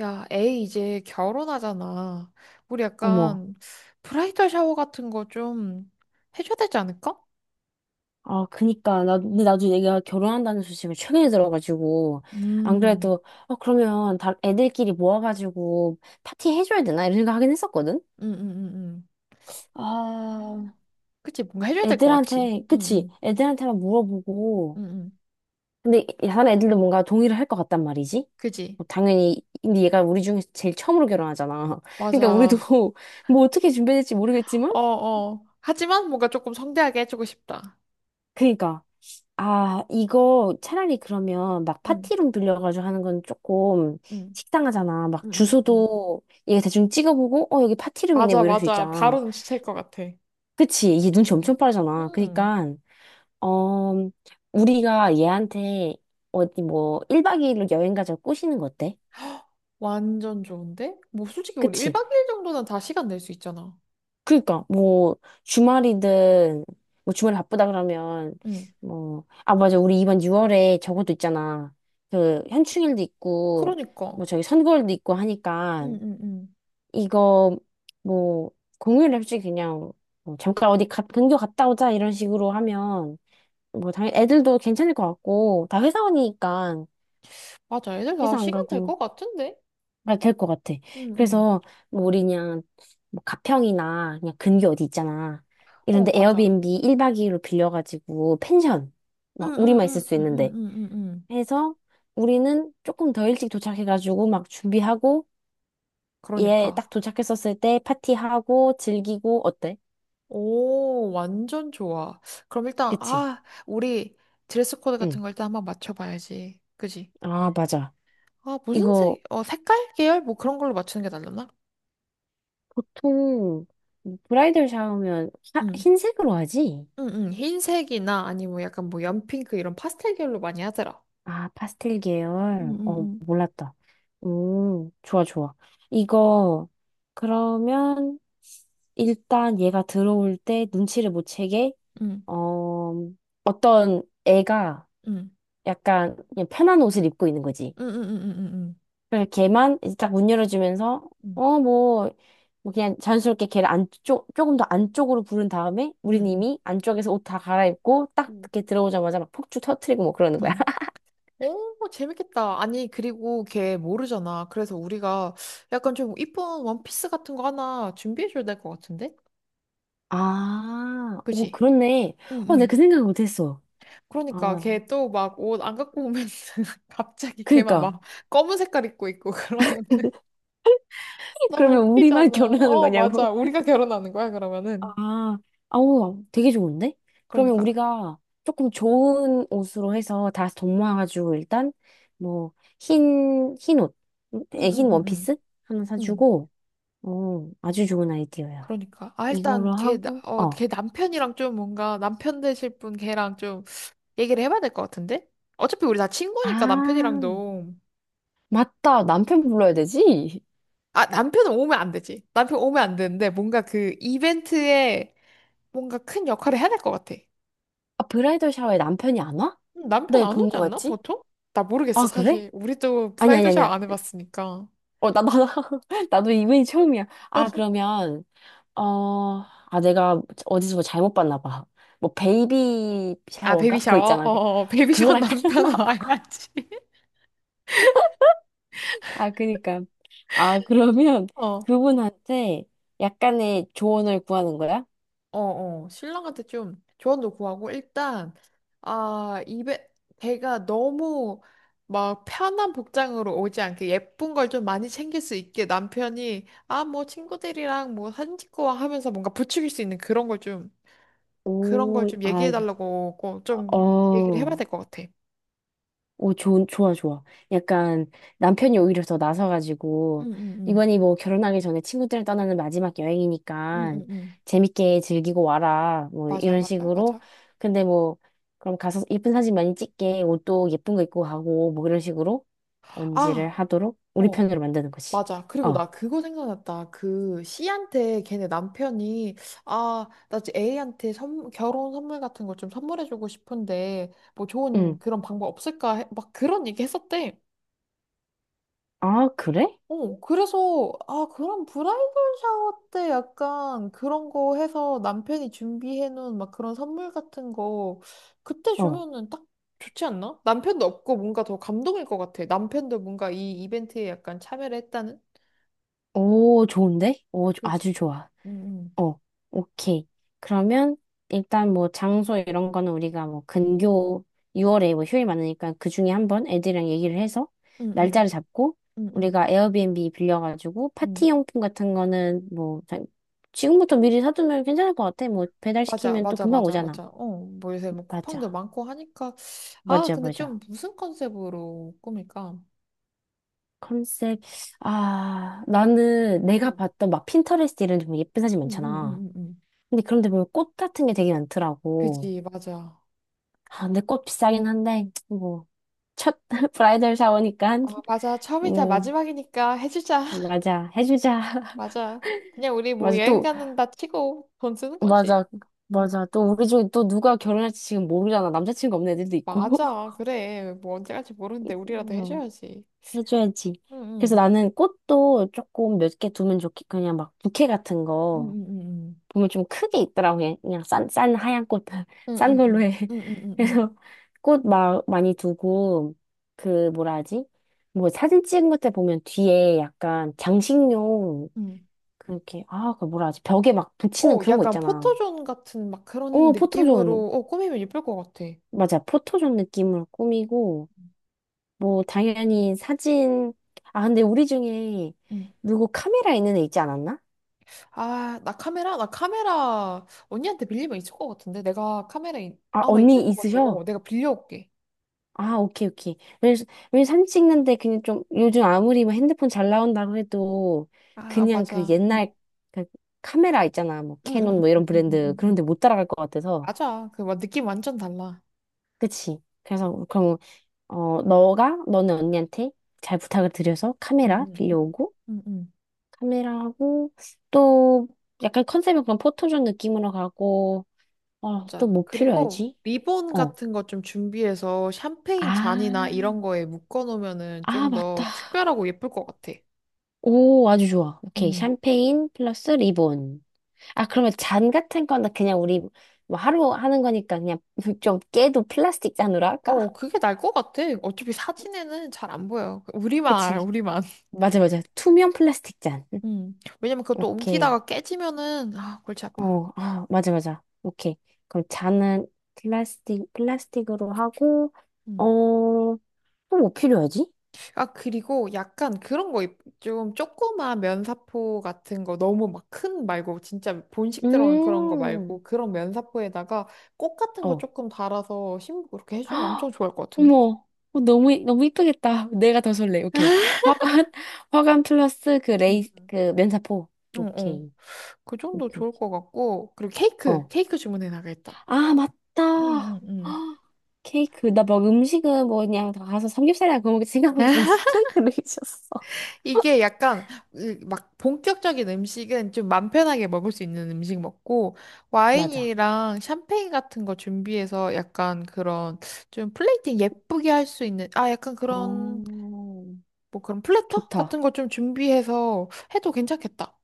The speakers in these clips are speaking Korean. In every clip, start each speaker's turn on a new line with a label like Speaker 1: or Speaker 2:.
Speaker 1: 야, 에이, 이제 결혼하잖아. 우리
Speaker 2: 어머.
Speaker 1: 약간 브라이덜 샤워 같은 거 좀 해줘야 되지 않을까?
Speaker 2: 아, 그니까. 근데 나도 얘가 결혼한다는 소식을 최근에 들어가지고. 안
Speaker 1: 음,
Speaker 2: 그래도, 어, 그러면 다 애들끼리 모아가지고 파티 해줘야 되나? 이런 생각 하긴 했었거든?
Speaker 1: 음, 음, 음, 음.
Speaker 2: 아,
Speaker 1: 그치, 뭔가 해줘야 될 것 같지.
Speaker 2: 애들한테,
Speaker 1: 응,
Speaker 2: 그치?
Speaker 1: 응,
Speaker 2: 애들한테만 물어보고.
Speaker 1: 응, 응.
Speaker 2: 근데 다른 애들도 뭔가 동의를 할 것 같단 말이지?
Speaker 1: 그지?
Speaker 2: 뭐 당연히, 근데 얘가 우리 중에서 제일 처음으로 결혼하잖아. 그러니까 우리도
Speaker 1: 맞아.
Speaker 2: 뭐 어떻게 준비될지 모르겠지만?
Speaker 1: 어, 어. 하지만 뭔가 조금 성대하게 해주고 싶다.
Speaker 2: 그니까. 아, 이거 차라리 그러면 막
Speaker 1: 응,
Speaker 2: 파티룸 빌려가지고 하는 건 조금
Speaker 1: 응,
Speaker 2: 식상하잖아. 막
Speaker 1: 응, 응, 응.
Speaker 2: 주소도 얘 대충 찍어보고, 어, 여기 파티룸이네,
Speaker 1: 맞아,
Speaker 2: 뭐 이럴 수
Speaker 1: 맞아.
Speaker 2: 있잖아.
Speaker 1: 바로 눈치챌 것 같아.
Speaker 2: 그치? 이게
Speaker 1: 응.
Speaker 2: 눈치 엄청 빠르잖아.
Speaker 1: 음,
Speaker 2: 그니까, 어, 우리가 얘한테 어디 뭐 1박 2일로 여행 가자고 꼬시는 거 어때?
Speaker 1: 완전 좋은데? 뭐, 솔직히 우리
Speaker 2: 그치?
Speaker 1: 1박 2일 정도는 다 시간 낼 수 있잖아.
Speaker 2: 그니까 뭐 주말이든 뭐 주말에 바쁘다 그러면
Speaker 1: 응.
Speaker 2: 뭐 아 맞아 우리 이번 6월에 저것도 있잖아. 그 현충일도 있고 뭐
Speaker 1: 그러니까.
Speaker 2: 저기 선거일도 있고 하니까
Speaker 1: 응, 응, 응.
Speaker 2: 이거 뭐 공휴일에 솔직히 그냥 뭐 잠깐 어디 가, 근교 갔다 오자 이런 식으로 하면 뭐 당연히 애들도 괜찮을 것 같고 다 회사원이니까
Speaker 1: 맞아. 애들 다
Speaker 2: 회사 안
Speaker 1: 시간 될
Speaker 2: 가고
Speaker 1: 것 같은데?
Speaker 2: 아, 될것 같아.
Speaker 1: 응, 응.
Speaker 2: 그래서 뭐 우리 그냥 뭐 가평이나 그냥 근교 어디 있잖아.
Speaker 1: 어,
Speaker 2: 이런데
Speaker 1: 맞아.
Speaker 2: 에어비앤비 1박 2일로 빌려가지고 펜션
Speaker 1: 응,
Speaker 2: 막
Speaker 1: 응,
Speaker 2: 우리만 있을
Speaker 1: 응,
Speaker 2: 수
Speaker 1: 응, 응,
Speaker 2: 있는데
Speaker 1: 응, 응. 응.
Speaker 2: 해서 우리는 조금 더 일찍 도착해가지고 막 준비하고 얘
Speaker 1: 그러니까.
Speaker 2: 딱 도착했었을 때 파티하고 즐기고 어때?
Speaker 1: 오, 완전 좋아. 그럼 일단,
Speaker 2: 그치?
Speaker 1: 아, 우리 드레스 코드 같은
Speaker 2: 응.
Speaker 1: 걸 일단 한번 맞춰봐야지. 그지?
Speaker 2: 아, 맞아.
Speaker 1: 아, 무슨
Speaker 2: 이거
Speaker 1: 색, 어, 색깔 계열? 뭐 그런 걸로 맞추는 게 낫려나?
Speaker 2: 보통 브라이덜 샤워면
Speaker 1: 응.
Speaker 2: 흰색으로 하지?
Speaker 1: 응, 응. 흰색이나 아니면 약간 뭐 연핑크 이런 파스텔 계열로 많이 하더라.
Speaker 2: 아, 파스텔
Speaker 1: 응,
Speaker 2: 계열.
Speaker 1: 응,
Speaker 2: 어,
Speaker 1: 응.
Speaker 2: 몰랐다. 오 좋아, 좋아. 이거, 그러면, 일단 얘가 들어올 때 눈치를 못 채게,
Speaker 1: 응,
Speaker 2: 어, 어떤 애가
Speaker 1: 응.
Speaker 2: 약간 그냥 편한 옷을 입고 있는 거지.
Speaker 1: 응, 응, 응, 응, 응.
Speaker 2: 그래서 걔만 이제 딱 문 열어주면서,
Speaker 1: 응,
Speaker 2: 어, 뭐, 뭐 그냥 자연스럽게 걔를 안쪽, 조금 더 안쪽으로 부른 다음에,
Speaker 1: 응,
Speaker 2: 우린
Speaker 1: 응.
Speaker 2: 이미 안쪽에서 옷 다 갈아입고, 딱
Speaker 1: 응.
Speaker 2: 이렇게 들어오자마자 막 폭죽 터트리고 뭐 그러는 거야.
Speaker 1: 응. 오, 재밌겠다. 아니, 그리고 걔 모르잖아. 그래서 우리가 약간 좀 이쁜 원피스 같은 거 하나 준비해줘야 될 것 같은데?
Speaker 2: 아, 오,
Speaker 1: 그지?
Speaker 2: 그렇네.
Speaker 1: 응,
Speaker 2: 어, 나
Speaker 1: 응.
Speaker 2: 그 생각 못했어.
Speaker 1: 그러니까
Speaker 2: 아,
Speaker 1: 걔 또 막 옷 안 갖고 오면 갑자기 걔만
Speaker 2: 그니까.
Speaker 1: 막 검은 색깔 입고 있고 그러면 너무
Speaker 2: 그러면
Speaker 1: 웃기잖아.
Speaker 2: 우리만 결혼하는
Speaker 1: 어, 맞아.
Speaker 2: 거냐고.
Speaker 1: 우리가 결혼하는 거야, 그러면은.
Speaker 2: 아, 아우, 되게 좋은데? 그러면
Speaker 1: 그러니까.
Speaker 2: 우리가 조금 좋은 옷으로 해서 다 돈 모아가지고 일단, 뭐, 흰 옷,
Speaker 1: 응,
Speaker 2: 에,
Speaker 1: 응,
Speaker 2: 흰
Speaker 1: 응, 응.
Speaker 2: 원피스? 하나
Speaker 1: 응.
Speaker 2: 사주고, 어, 아주 좋은 아이디어야.
Speaker 1: 그러니까. 아, 일단
Speaker 2: 이걸로
Speaker 1: 걔,
Speaker 2: 하고,
Speaker 1: 어,
Speaker 2: 어.
Speaker 1: 걔 남편이랑 좀 뭔가 남편 되실 분 걔랑 좀 얘기를 해봐야 될 것 같은데? 어차피 우리 다 친구니까
Speaker 2: 아,
Speaker 1: 남편이랑도.
Speaker 2: 맞다. 남편 불러야 되지?
Speaker 1: 아, 남편은 오면 안 되지. 남편 오면 안 되는데 뭔가 그 이벤트에 뭔가 큰 역할을 해야 될 것 같아.
Speaker 2: 아, 브라이덜 샤워에 남편이 안 와?
Speaker 1: 남편
Speaker 2: 네,
Speaker 1: 안
Speaker 2: 본
Speaker 1: 오지
Speaker 2: 거
Speaker 1: 않나?
Speaker 2: 같지?
Speaker 1: 보통? 나 모르겠어,
Speaker 2: 아, 그래?
Speaker 1: 사실. 우리도
Speaker 2: 아니, 아니,
Speaker 1: 브라이드 샤워
Speaker 2: 아니야.
Speaker 1: 안 해봤으니까.
Speaker 2: 어, 나, 나도 이분이 처음이야. 아, 그러면, 어, 아, 내가 어디서 뭐 잘못 봤나 봐. 뭐, 베이비
Speaker 1: 아,
Speaker 2: 샤워인가?
Speaker 1: 베이비
Speaker 2: 그거
Speaker 1: 샤워?
Speaker 2: 있잖아.
Speaker 1: 어,
Speaker 2: 그-
Speaker 1: 어, 어. 베이비 샤워
Speaker 2: 그거랑 깔렸나
Speaker 1: 남편
Speaker 2: 봐.
Speaker 1: 와야지.
Speaker 2: 아, 그니까. 아, 그러면
Speaker 1: 어.
Speaker 2: 그분한테 약간의 조언을 구하는 거야?
Speaker 1: 어, 신랑한테 좀 조언도 구하고, 일단, 아, 입에, 배가 너무 막 편한 복장으로 오지 않게 예쁜 걸 좀 많이 챙길 수 있게 남편이, 아, 뭐 친구들이랑 뭐 사진 찍고 와 하면서 뭔가 부추길 수 있는 그런 걸
Speaker 2: 오,
Speaker 1: 좀
Speaker 2: 아,
Speaker 1: 얘기해 달라고 꼭좀 얘기를 해봐야
Speaker 2: 어.
Speaker 1: 될 것 같아.
Speaker 2: 오, 좋아, 좋아. 약간 남편이 오히려 더 나서가지고,
Speaker 1: 응, 응, 응.
Speaker 2: 이번이 뭐 결혼하기 전에 친구들을 떠나는 마지막
Speaker 1: 응,
Speaker 2: 여행이니까
Speaker 1: 응, 응.
Speaker 2: 재밌게 즐기고 와라. 뭐
Speaker 1: 맞아,
Speaker 2: 이런
Speaker 1: 맞아,
Speaker 2: 식으로.
Speaker 1: 맞아.
Speaker 2: 근데 뭐, 그럼 가서 예쁜 사진 많이 찍게 옷도 예쁜 거 입고 가고, 뭐 이런 식으로 언지를
Speaker 1: 아,
Speaker 2: 하도록 우리
Speaker 1: 어.
Speaker 2: 편으로 만드는 거지.
Speaker 1: 맞아. 그리고
Speaker 2: 어,
Speaker 1: 나 그거 생각났다. 그 C한테 걔네 남편이 아, 나 지금 A한테 선, 결혼 선물 같은 걸 좀 선물해주고 싶은데 뭐 좋은
Speaker 2: 응.
Speaker 1: 그런 방법 없을까? 해- 막 그런 얘기 했었대.
Speaker 2: 아, 그래?
Speaker 1: 어, 그래서 아, 그런 브라이덜 샤워 때 약간 그런 거 해서 남편이 준비해놓은 막 그런 선물 같은 거 그때
Speaker 2: 어.
Speaker 1: 주면은 딱 좋지 않나? 남편도 없고 뭔가 더 감동일 것 같아. 남편도 뭔가 이 이벤트에 약간 참여를 했다는?
Speaker 2: 오, 좋은데? 오, 아주
Speaker 1: 그렇지.
Speaker 2: 좋아. 어, 오케이. 그러면 일단 뭐 장소 이런 거는 우리가 뭐 근교 6월에 뭐 휴일 많으니까 그 중에 한번 애들이랑 얘기를 해서
Speaker 1: 응응 응응
Speaker 2: 날짜를 잡고
Speaker 1: 응 응,
Speaker 2: 우리가 에어비앤비 빌려가지고
Speaker 1: 응.
Speaker 2: 파티 용품 같은 거는 뭐 지금부터 미리 사두면 괜찮을 것 같아. 뭐
Speaker 1: 맞아
Speaker 2: 배달시키면 또
Speaker 1: 맞아
Speaker 2: 금방
Speaker 1: 맞아
Speaker 2: 오잖아.
Speaker 1: 맞아 어뭐 요새 뭐 쿠팡도
Speaker 2: 맞아.
Speaker 1: 많고 하니까 아
Speaker 2: 맞아,
Speaker 1: 근데 좀
Speaker 2: 맞아.
Speaker 1: 무슨 컨셉으로 꾸밀까
Speaker 2: 컨셉. 아, 나는 내가
Speaker 1: 응응응응응
Speaker 2: 봤던 막 핀터레스트 이런 데 보면 예쁜 사진
Speaker 1: 응
Speaker 2: 많잖아.
Speaker 1: 응응응응응.
Speaker 2: 근데 그런데 보면 꽃 같은 게 되게 많더라고.
Speaker 1: 그지 맞아
Speaker 2: 아, 근데 꽃 비싸긴 한데, 뭐, 첫 브라이덜 샤워니까,
Speaker 1: 아 맞아 처음이자
Speaker 2: 뭐,
Speaker 1: 마지막이니까 해주자
Speaker 2: 맞아, 해주자.
Speaker 1: 맞아 그냥 우리 뭐
Speaker 2: 맞아,
Speaker 1: 여행
Speaker 2: 또,
Speaker 1: 가는다 치고 돈 쓰는 거지
Speaker 2: 맞아,
Speaker 1: 응
Speaker 2: 맞아. 또 우리 중에 또 누가 결혼할지 지금 모르잖아. 남자친구 없는 애들도 있고.
Speaker 1: 맞아 그래 뭐 언제 갈지 모르는데 우리라도
Speaker 2: 어,
Speaker 1: 해줘야지
Speaker 2: 해줘야지.
Speaker 1: 응응
Speaker 2: 그래서 나는 꽃도 조금 몇 개 두면 좋겠, 그냥 막 부케 같은 거.
Speaker 1: 응응응응
Speaker 2: 보면 좀 크게 있더라고요. 그냥 싼 하얀 꽃, 싼
Speaker 1: 응응응
Speaker 2: 걸로 해.
Speaker 1: 응응응
Speaker 2: 그래서 꽃 많이 두고, 그, 뭐라 하지? 뭐 사진 찍은 것때 보면 뒤에 약간 장식용, 그렇게, 아, 그 뭐라 하지? 벽에 막 붙이는
Speaker 1: 어,
Speaker 2: 그런 거
Speaker 1: 약간
Speaker 2: 있잖아.
Speaker 1: 포토존 같은 막 그런
Speaker 2: 어, 포토존.
Speaker 1: 느낌으로 어, 꾸미면 예쁠 것 같아.
Speaker 2: 맞아. 포토존 느낌으로 꾸미고, 뭐, 당연히 사진, 아, 근데 우리 중에
Speaker 1: 음.
Speaker 2: 누구 카메라 있는 애 있지 않았나?
Speaker 1: 아, 나 카메라? 나 카메라 언니한테 빌리면 있을 것 같은데? 내가
Speaker 2: 아,
Speaker 1: 아마 있는
Speaker 2: 언니
Speaker 1: 것 같아. 어,
Speaker 2: 있으셔?
Speaker 1: 내가 빌려올게.
Speaker 2: 아, 오케이, 오케이. 왜냐면 왜 사진 찍는데 그냥 좀, 요즘 아무리 뭐 핸드폰 잘 나온다고 해도,
Speaker 1: 아,
Speaker 2: 그냥 그
Speaker 1: 맞아.
Speaker 2: 옛날
Speaker 1: 어.
Speaker 2: 그 카메라 있잖아. 뭐,
Speaker 1: 응, 응,
Speaker 2: 캐논
Speaker 1: 응,
Speaker 2: 뭐 이런
Speaker 1: 응, 응, 응,
Speaker 2: 브랜드.
Speaker 1: 응. 응.
Speaker 2: 그런데 못 따라갈 것 같아서.
Speaker 1: 맞아. 그 막 느낌 완전 달라.
Speaker 2: 그치? 그래서, 그럼, 어, 너가, 너는 언니한테 잘 부탁을 드려서
Speaker 1: 응,
Speaker 2: 카메라
Speaker 1: 응, 응,
Speaker 2: 빌려오고,
Speaker 1: 응, 응.
Speaker 2: 카메라하고, 또, 약간 컨셉은 그런 포토존 느낌으로 가고, 어, 또
Speaker 1: 맞아.
Speaker 2: 뭐
Speaker 1: 그리고
Speaker 2: 필요하지?
Speaker 1: 리본
Speaker 2: 어.
Speaker 1: 같은 거 좀 준비해서 샴페인
Speaker 2: 아,
Speaker 1: 잔이나 이런 거에 묶어 놓으면은
Speaker 2: 아,
Speaker 1: 좀
Speaker 2: 맞다.
Speaker 1: 더 특별하고 예쁠 것 같아.
Speaker 2: 오, 아주 좋아. 오케이.
Speaker 1: 응.
Speaker 2: 샴페인 플러스 리본. 아, 그러면 잔 같은 거나 그냥 우리 뭐 하루 하는 거니까 그냥 좀 깨도 플라스틱 잔으로 할까?
Speaker 1: 어, 그게 날 것 같아. 어차피 사진에는 잘 안 보여. 우리만 알아,
Speaker 2: 그치.
Speaker 1: 우리만.
Speaker 2: 맞아, 맞아. 투명 플라스틱 잔.
Speaker 1: 왜냐면 그것도
Speaker 2: 오케이.
Speaker 1: 옮기다가 깨지면은, 아, 골치 아파.
Speaker 2: 어, 아, 맞아, 맞아. 오케이. 그럼 잔은 플라스틱으로 하고, 어,
Speaker 1: 음.
Speaker 2: 또 뭐 필요하지?
Speaker 1: 아, 그리고 약간 그런 거, 좀 조그만 면사포 같은 거, 너무 막 큰 말고, 진짜 본식 들어간 그런 거
Speaker 2: 음,
Speaker 1: 말고, 그런 면사포에다가 꽃 같은 거
Speaker 2: 어,
Speaker 1: 조금 달아서 신부 그렇게 해주면 엄청
Speaker 2: 헉!
Speaker 1: 좋을 것 같은데?
Speaker 2: 어머, 어, 너무, 너무 이쁘겠다. 내가 더 설레. 오케이. 화관, 화관 플러스 그 레이,
Speaker 1: 음.
Speaker 2: 그 면사포.
Speaker 1: 어, 어.
Speaker 2: 오케이.
Speaker 1: 그 정도
Speaker 2: 오케이.
Speaker 1: 좋을 것 같고, 그리고 케이크,
Speaker 2: 어.
Speaker 1: 케이크 주문해 나가겠다.
Speaker 2: 아, 맞다.
Speaker 1: 응, 응,
Speaker 2: 헉, 케이크. 나 뭐 음식은 뭐 그냥 다 가서 삼겹살이나 그거 먹을 생각하고 있었는데
Speaker 1: 응.
Speaker 2: 케이크를 해주셨어.
Speaker 1: 이게 약간 으, 막 본격적인 음식은 좀 맘 편하게 먹을 수 있는 음식 먹고
Speaker 2: 맞아.
Speaker 1: 와인이랑 샴페인 같은 거 준비해서 약간 그런 좀 플레이팅 예쁘게 할 수 있는 아 약간 그런
Speaker 2: 어,
Speaker 1: 뭐 그런 플래터 같은
Speaker 2: 좋다.
Speaker 1: 거 좀 준비해서 해도 괜찮겠다.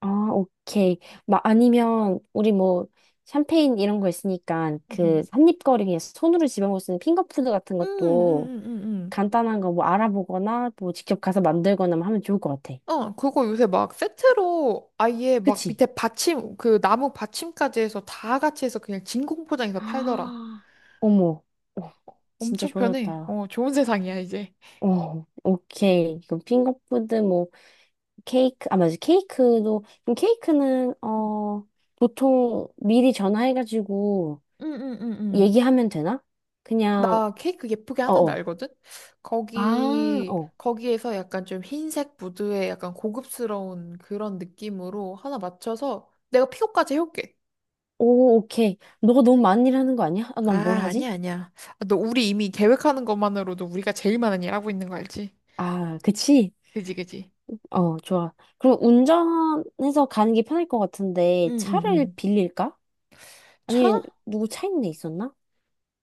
Speaker 2: 아, 오케이. 막 아니면 우리 뭐 샴페인 이런 거 있으니까 그
Speaker 1: 응응.
Speaker 2: 한입거리 그냥 손으로 집어먹을 수 있는 핑거푸드 같은 것도
Speaker 1: 응응응응응.
Speaker 2: 간단한 거 뭐 알아보거나 뭐 직접 가서 만들거나 뭐 하면 좋을 것 같아.
Speaker 1: 어, 그거 요새 막 세트로 아예 막
Speaker 2: 그치?
Speaker 1: 밑에 받침 그 나무 받침까지 해서 다 같이 해서 그냥 진공 포장해서 팔더라.
Speaker 2: 아, 어머, 어, 진짜
Speaker 1: 엄청 편해.
Speaker 2: 좋아졌다.
Speaker 1: 어, 좋은 세상이야 이제.
Speaker 2: 어, 오케이. 그럼 핑거푸드, 뭐, 케이크, 아, 맞아. 케이크도, 그럼 케이크는, 어, 보통 미리 전화해가지고
Speaker 1: 응응응응.
Speaker 2: 얘기하면 되나? 그냥,
Speaker 1: 나 케이크 예쁘게 하
Speaker 2: 어,
Speaker 1: 나데
Speaker 2: 어.
Speaker 1: 알거든?
Speaker 2: 아, 어.
Speaker 1: 거기에서 약간 좀 흰색 무드에 약간 고급스러운 그런 느낌으로 하나 맞춰서 내가 픽업까지 해올게.
Speaker 2: 오, 오케이. 너가 너무 많은 일 하는 거 아니야? 아,
Speaker 1: 아,
Speaker 2: 난 뭘 하지?
Speaker 1: 아니야. 아, 너 우리 이미 계획하는 것만으로도 우리가 제일 많은 일 하고 있는 거 알지?
Speaker 2: 아, 그치?
Speaker 1: 그지?
Speaker 2: 어, 좋아. 그럼 운전해서 가는 게 편할 것 같은데
Speaker 1: 응응응.
Speaker 2: 차를 빌릴까?
Speaker 1: 차?
Speaker 2: 아니면 누구 차 있는 데 있었나?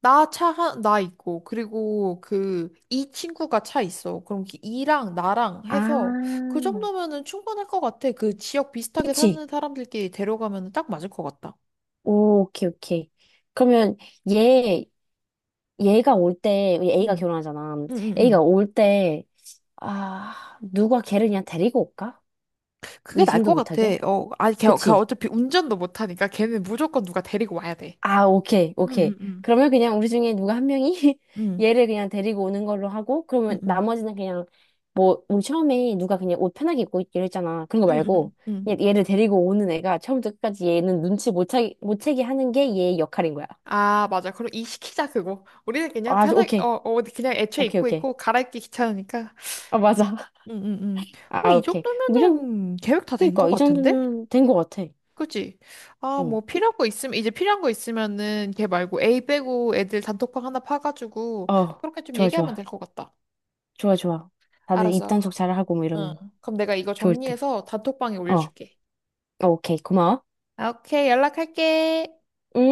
Speaker 1: 나 차, 나 있고, 그리고 그, 이 친구가 차 있어. 그럼 그 이랑 나랑 해서 그
Speaker 2: 아,
Speaker 1: 정도면은 충분할 것 같아. 그 지역 비슷하게
Speaker 2: 그치.
Speaker 1: 사는 사람들끼리 데려가면 딱 맞을 것 같다.
Speaker 2: 오, 오케이, 오케이. 그러면 얘, 얘가 올 때, 우리 A가
Speaker 1: 응,
Speaker 2: 결혼하잖아.
Speaker 1: 응, 응,
Speaker 2: A가
Speaker 1: 응.
Speaker 2: 올 때, 아, 누가 걔를 그냥 데리고 올까?
Speaker 1: 그게 나을
Speaker 2: 의심도
Speaker 1: 것 같아.
Speaker 2: 못하게?
Speaker 1: 어, 아니, 걔
Speaker 2: 그치?
Speaker 1: 어차피 운전도 못하니까 걔는 무조건 누가 데리고 와야 돼.
Speaker 2: 아, 오케이,
Speaker 1: 응, 응,
Speaker 2: 오케이.
Speaker 1: 응.
Speaker 2: 그러면 그냥 우리 중에 누가 한 명이
Speaker 1: 응,
Speaker 2: 얘를 그냥 데리고 오는 걸로 하고,
Speaker 1: 응,
Speaker 2: 그러면
Speaker 1: 응,
Speaker 2: 나머지는 그냥, 뭐, 우리 처음에 누가 그냥 옷 편하게 입고 있기로 했잖아. 그런 거
Speaker 1: 응, 응,
Speaker 2: 말고,
Speaker 1: 응.
Speaker 2: 그냥 얘를 데리고 오는 애가 처음부터 끝까지 얘는 눈치 못 채게, 못 채게 하는 게 얘의 역할인 거야.
Speaker 1: 아, 맞아. 그럼 이 시키자, 그거. 우리는 그냥
Speaker 2: 아,
Speaker 1: 편하게, 어,
Speaker 2: 오케이.
Speaker 1: 어, 그냥 애초에
Speaker 2: 오케이,
Speaker 1: 입고
Speaker 2: 오케이.
Speaker 1: 있고, 갈아입기 귀찮으니까.
Speaker 2: 아, 맞아.
Speaker 1: 응응응. 어,
Speaker 2: 아,
Speaker 1: 이
Speaker 2: 오케이. 뭐 이런,
Speaker 1: 정도면은 계획 다 된 것
Speaker 2: 그니까, 이
Speaker 1: 같은데?
Speaker 2: 정도면 된 거 같아.
Speaker 1: 그치? 아,
Speaker 2: 응.
Speaker 1: 필요한 거 있으면은 걔 말고 A 빼고 애들 단톡방 하나 파가지고
Speaker 2: 어,
Speaker 1: 그렇게 좀
Speaker 2: 좋아,
Speaker 1: 얘기하면
Speaker 2: 좋아.
Speaker 1: 될 것 같다.
Speaker 2: 좋아, 좋아. 다들
Speaker 1: 알았어.
Speaker 2: 입단속 잘하고 뭐
Speaker 1: 응.
Speaker 2: 이러면
Speaker 1: 그럼 내가 이거
Speaker 2: 좋을 듯.
Speaker 1: 정리해서 단톡방에
Speaker 2: 어,
Speaker 1: 올려줄게.
Speaker 2: 어, 오케이. 고마워.
Speaker 1: 아, 오케이, 연락할게.
Speaker 2: 응?